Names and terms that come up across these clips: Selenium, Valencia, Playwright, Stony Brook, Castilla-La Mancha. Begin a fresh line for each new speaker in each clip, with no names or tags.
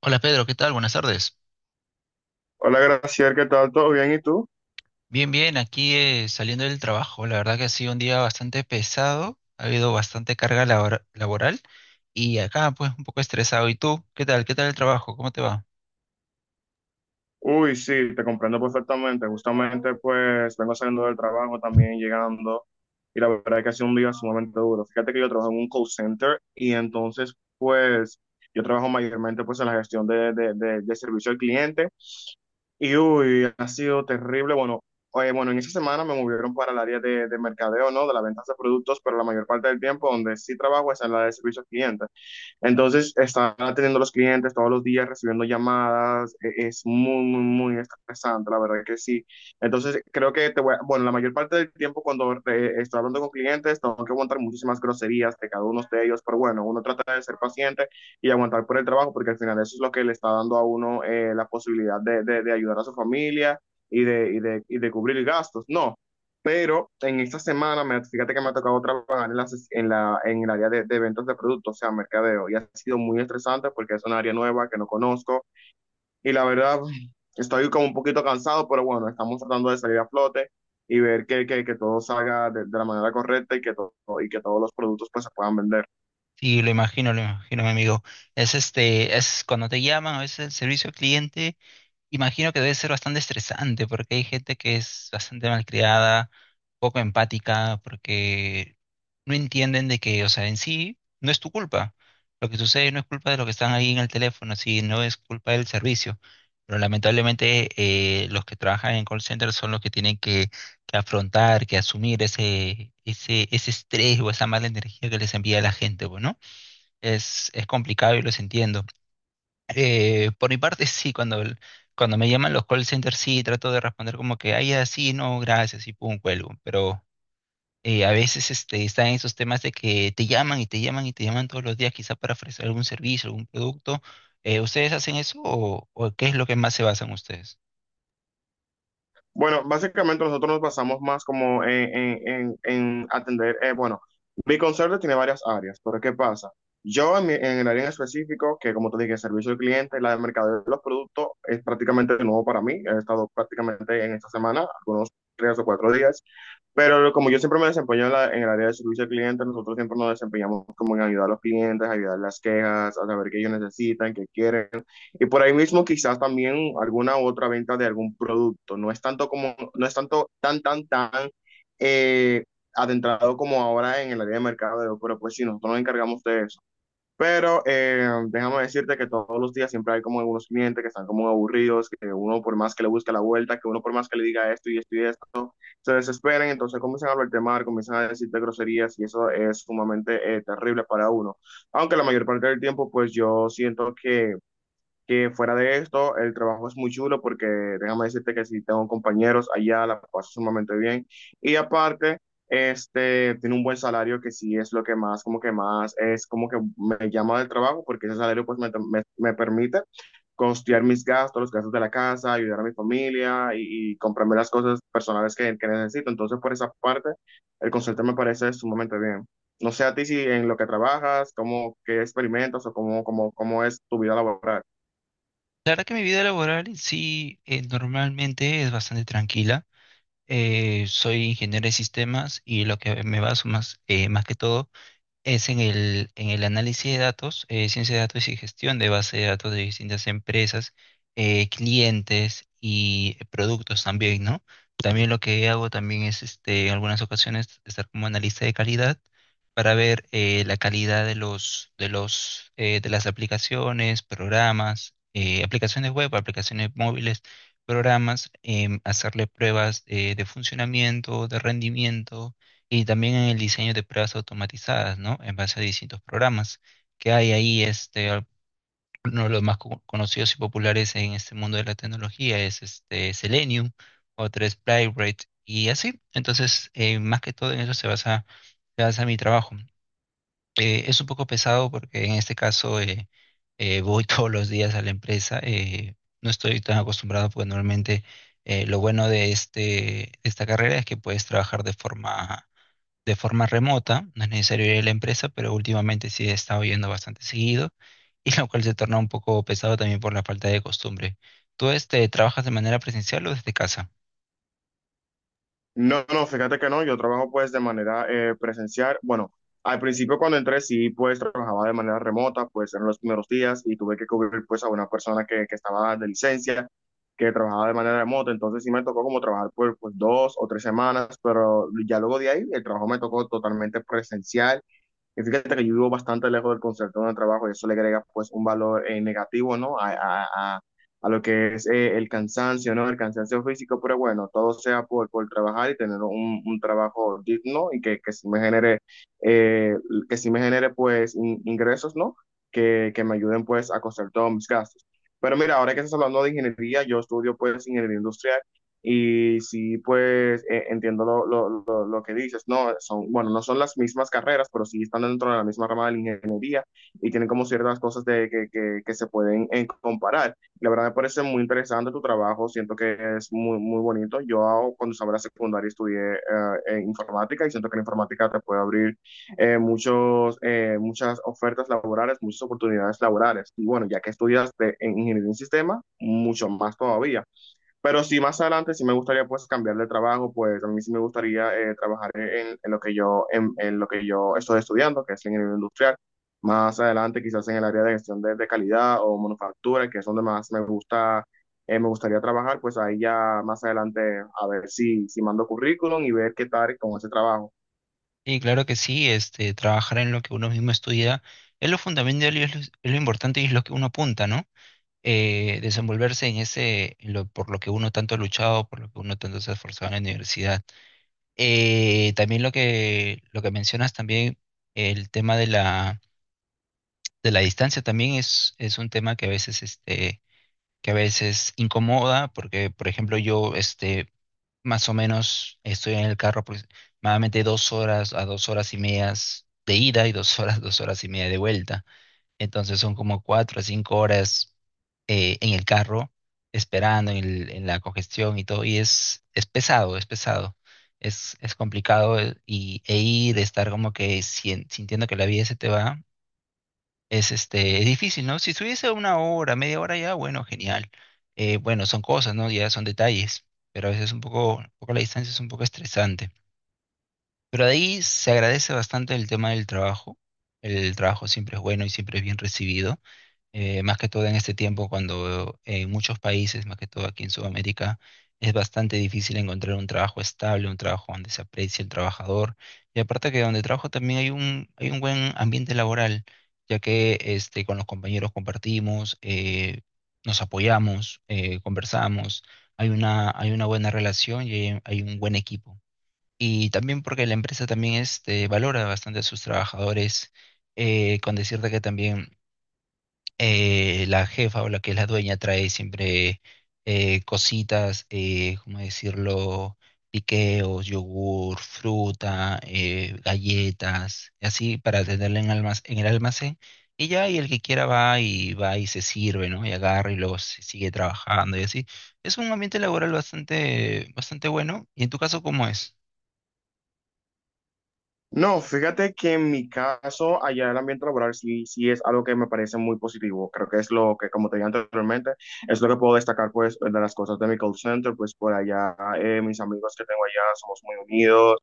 Hola Pedro, ¿qué tal? Buenas tardes.
Hola, Graciela, ¿qué tal? ¿Todo bien? ¿Y tú?
Bien, bien, aquí saliendo del trabajo. La verdad que ha sido un día bastante pesado, ha habido bastante carga laboral y acá pues un poco estresado. ¿Y tú? ¿Qué tal? ¿Qué tal el trabajo? ¿Cómo te va?
Uy, sí, te comprendo perfectamente. Justamente, pues, vengo saliendo del trabajo también, llegando, y la verdad es que ha sido un día sumamente duro. Fíjate que yo trabajo en un call center y entonces, pues, yo trabajo mayormente, pues, en la gestión de servicio al cliente y, uy, ha sido terrible. Bueno, oye, bueno, en esa semana me movieron para el área de mercadeo, ¿no? De la venta de productos, pero la mayor parte del tiempo donde sí trabajo es en la de servicio al cliente. Entonces, están atendiendo a los clientes todos los días, recibiendo llamadas, es muy, muy, muy estresante, la verdad que sí. Entonces, creo que bueno, la mayor parte del tiempo cuando estoy hablando con clientes, tengo que aguantar muchísimas groserías de cada uno de ellos, pero bueno, uno trata de ser paciente y aguantar por el trabajo, porque al final eso es lo que le está dando a uno la posibilidad de ayudar a su familia y de cubrir gastos. No. Pero en esta semana, fíjate que me ha tocado trabajar en, en el área de ventas de productos, o sea, mercadeo, y ha sido muy estresante porque es un área nueva que no conozco y la verdad estoy como un poquito cansado, pero bueno, estamos tratando de salir a flote y ver que todo salga de la manera correcta y que todos los productos pues se puedan vender.
Sí, lo imagino, mi amigo. Es este, es cuando te llaman a veces el servicio al cliente. Imagino que debe ser bastante estresante porque hay gente que es bastante malcriada, poco empática, porque no entienden de que, o sea, en sí no es tu culpa. Lo que sucede no es culpa de los que están ahí en el teléfono, sí, no es culpa del servicio. Pero lamentablemente los que trabajan en call center son los que tienen que afrontar, que asumir ese ese, estrés o esa mala energía que les envía la gente, pues, ¿no? Es complicado y los entiendo. Por mi parte, sí, cuando, cuando me llaman los call centers, sí, trato de responder como que, ay, así, no, gracias, y pum, cuelgo. Pero a veces este, están esos temas de que te llaman y te llaman y te llaman todos los días, quizá para ofrecer algún servicio, algún producto. ¿Ustedes hacen eso o qué es lo que más se basan ustedes?
Bueno, básicamente nosotros nos basamos más como en atender, bueno, mi conserje tiene varias áreas, pero ¿qué pasa? En el área en específico, que como te dije, servicio al cliente, la de mercadeo de los productos, es prácticamente nuevo para mí. He estado prácticamente en esta semana, algunos tres o cuatro días, pero como yo siempre me desempeño en el área de servicio al cliente, nosotros siempre nos desempeñamos como en ayudar a los clientes, ayudar las quejas, a saber qué ellos necesitan, qué quieren. Y por ahí mismo quizás también alguna otra venta de algún producto. No es tanto como, no es tanto tan eh, adentrado como ahora en el área de mercadeo, pero pues sí, nosotros nos encargamos de eso. Pero déjame decirte que todos los días siempre hay como algunos clientes que están como aburridos, que uno por más que le busque la vuelta, que uno por más que le diga esto y esto y esto se desesperan, entonces comienzan a hablarte mal, comienzan a decirte groserías y eso es sumamente terrible para uno. Aunque la mayor parte del tiempo, pues yo siento que fuera de esto, el trabajo es muy chulo porque déjame decirte que si tengo compañeros allá, la paso sumamente bien. Y aparte, este, tiene un buen salario que sí es lo que más, como que más, es como que me llama del trabajo porque ese salario pues me permite costear mis gastos, los gastos de la casa, ayudar a mi familia y comprarme las cosas personales que necesito. Entonces, por esa parte, el concepto me parece sumamente bien. No sé a ti si en lo que trabajas, cómo, qué experimentas o cómo es tu vida laboral.
La verdad que mi vida laboral sí, normalmente es bastante tranquila. Soy ingeniero de sistemas y lo que me baso más, más que todo es en el análisis de datos, ciencia de datos y gestión de base de datos de distintas empresas, clientes y productos también, ¿no? También lo que hago también es, este, en algunas ocasiones, estar como analista de calidad para ver la calidad de los, de las aplicaciones, programas, aplicaciones web, aplicaciones móviles, programas, hacerle pruebas de funcionamiento, de rendimiento y también en el diseño de pruebas automatizadas, ¿no? En base a distintos programas que hay ahí, este, uno de los más conocidos y populares en este mundo de la tecnología es este Selenium, otro es Playwright y así. Entonces, más que todo en eso se basa mi trabajo. Es un poco pesado porque en este caso voy todos los días a la empresa. No estoy tan acostumbrado porque normalmente lo bueno de este, esta carrera es que puedes trabajar de forma remota, no es necesario ir a la empresa, pero últimamente sí he estado yendo bastante seguido, y lo cual se torna un poco pesado también por la falta de costumbre. ¿Tú este, trabajas de manera presencial o desde casa?
No, no, fíjate que no, yo trabajo pues de manera presencial. Bueno, al principio cuando entré sí pues trabajaba de manera remota, pues en los primeros días y tuve que cubrir pues a una persona que estaba de licencia, que trabajaba de manera remota, entonces sí me tocó como trabajar por pues dos o tres semanas, pero ya luego de ahí el trabajo me tocó totalmente presencial y fíjate que yo vivo bastante lejos del concepto de trabajo y eso le agrega pues un valor negativo, ¿no? A, a lo que es el cansancio, ¿no? El cansancio físico, pero bueno, todo sea por trabajar y tener un trabajo digno y que sí me genere, eh, que sí me genere pues ingresos, ¿no? Que me ayuden pues a costear todos mis gastos. Pero mira, ahora que estás hablando de ingeniería, yo estudio pues ingeniería industrial y sí pues entiendo que dices, ¿no? Son, bueno, no son las mismas carreras, pero sí están dentro de la misma rama de la ingeniería y tienen como ciertas cosas que se pueden comparar. La verdad me parece muy interesante tu trabajo, siento que es muy, muy bonito. Yo cuando estaba en la secundaria estudié informática y siento que la informática te puede abrir muchas ofertas laborales, muchas oportunidades laborales. Y bueno, ya que estudias en ingeniería en sistema, mucho más todavía. Pero sí, más adelante sí me gustaría pues cambiar de trabajo, pues a mí sí me gustaría trabajar en lo que yo, en lo que yo estoy estudiando, que es ingeniería industrial. Más adelante quizás en el área de gestión de calidad o manufactura, que es donde más me gusta, me gustaría trabajar, pues ahí ya más adelante a ver si, si mando currículum y ver qué tal con ese trabajo.
Y claro que sí, este, trabajar en lo que uno mismo estudia es lo fundamental y es lo importante y es lo que uno apunta, ¿no? Desenvolverse en ese, en lo, por lo que uno tanto ha luchado, por lo que uno tanto se ha esforzado en la universidad. También lo que mencionas también, el tema de la distancia también es un tema que a veces, este, que a veces incomoda, porque, por ejemplo, yo, este, más o menos estoy en el carro pues, aproximadamente dos horas a dos horas y medias de ida y dos horas, dos horas y media de vuelta. Entonces son como cuatro a cinco horas en el carro, esperando en, la congestión y todo, y es pesado, es pesado. Es complicado y, e ir, estar como que sintiendo que la vida se te va es este, es difícil, ¿no? Si estuviese una hora, media hora ya, bueno, genial. Bueno, son cosas, ¿no? Ya son detalles, pero a veces un poco la distancia es un poco estresante. Pero de ahí se agradece bastante el tema del trabajo. El trabajo siempre es bueno y siempre es bien recibido más que todo en este tiempo cuando en muchos países, más que todo aquí en Sudamérica, es bastante difícil encontrar un trabajo estable, un trabajo donde se aprecie el trabajador. Y aparte que donde trabajo también hay un buen ambiente laboral, ya que este, con los compañeros compartimos, nos apoyamos, conversamos, hay una buena relación y hay un buen equipo. Y también porque la empresa también este, valora bastante a sus trabajadores, con decirte que también la jefa o la que es la dueña trae siempre cositas, ¿cómo decirlo? Piqueos, yogur, fruta, galletas, y así para tenerla en, en el almacén. Y ya, y el que quiera va y va y se sirve, ¿no? Y agarra y luego se sigue trabajando y así. Es un ambiente laboral bastante, bastante bueno. ¿Y en tu caso cómo es?
No, fíjate que en mi caso, allá el ambiente laboral sí, sí es algo que me parece muy positivo. Creo que es lo que, como te dije anteriormente, es lo que puedo destacar, pues, de las cosas de mi call center, pues, por allá, mis amigos que tengo allá somos muy unidos.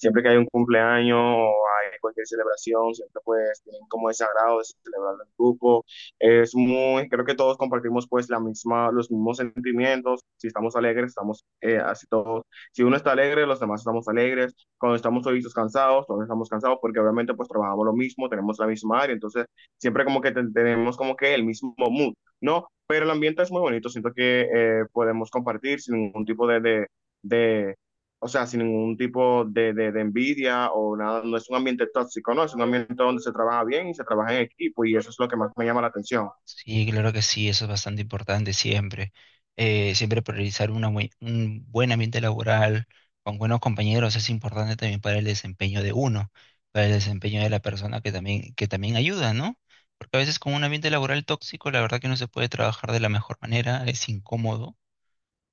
Siempre que hay un cumpleaños o hay cualquier celebración, siempre, pues, tienen como ese agrado de celebrarlo en grupo. Es muy, creo que todos compartimos, pues, la misma, los mismos sentimientos. Si estamos alegres, estamos así todos. Si uno está alegre, los demás estamos alegres cuando estamos solitos cansados, todos estamos cansados, porque obviamente pues trabajamos lo mismo, tenemos la misma área, entonces siempre como que tenemos como que el mismo mood, ¿no? Pero el ambiente es muy bonito, siento que podemos compartir sin ningún tipo de, o sea, sin ningún tipo de envidia o nada, no es un ambiente tóxico, ¿no? Es un ambiente donde se trabaja bien y se trabaja en equipo y eso es lo que más me llama la atención.
Sí, claro que sí, eso es bastante importante siempre. Siempre priorizar una un buen ambiente laboral con buenos compañeros es importante también para el desempeño de uno, para el desempeño de la persona que también ayuda, ¿no? Porque a veces con un ambiente laboral tóxico, la verdad que no se puede trabajar de la mejor manera, es incómodo.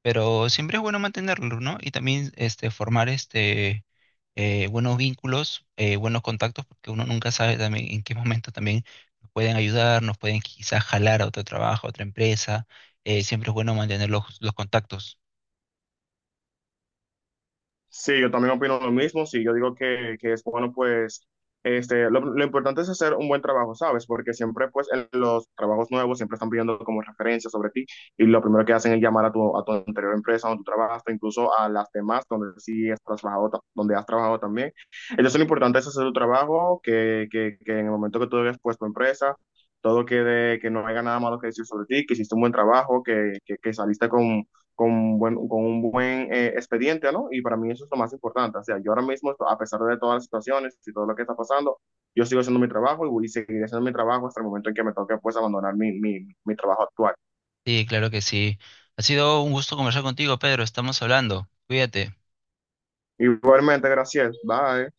Pero siempre es bueno mantenerlo, ¿no? Y también este, formar este, buenos vínculos, buenos contactos, porque uno nunca sabe también en qué momento también nos pueden ayudar, nos pueden quizás jalar a otro trabajo, a otra empresa. Siempre es bueno mantener los contactos.
Sí, yo también opino lo mismo. Sí, yo digo que es bueno, pues, este, lo importante es hacer un buen trabajo, ¿sabes? Porque siempre, pues, en los trabajos nuevos siempre están pidiendo como referencias sobre ti y lo primero que hacen es llamar a tu anterior empresa donde tú trabajaste, incluso a las demás donde sí has trabajado, donde has trabajado también. Entonces, lo importante es hacer tu trabajo, que en el momento que tú hayas puesto empresa, todo quede, que no haya nada malo que decir sobre ti, que hiciste un buen trabajo, que saliste con un buen expediente, ¿no? Y para mí eso es lo más importante. O sea, yo ahora mismo, a pesar de todas las situaciones y todo lo que está pasando, yo sigo haciendo mi trabajo y voy a seguir haciendo mi trabajo hasta el momento en que me toque pues abandonar mi trabajo actual.
Sí, claro que sí. Ha sido un gusto conversar contigo, Pedro. Estamos hablando. Cuídate.
Igualmente, gracias. Bye.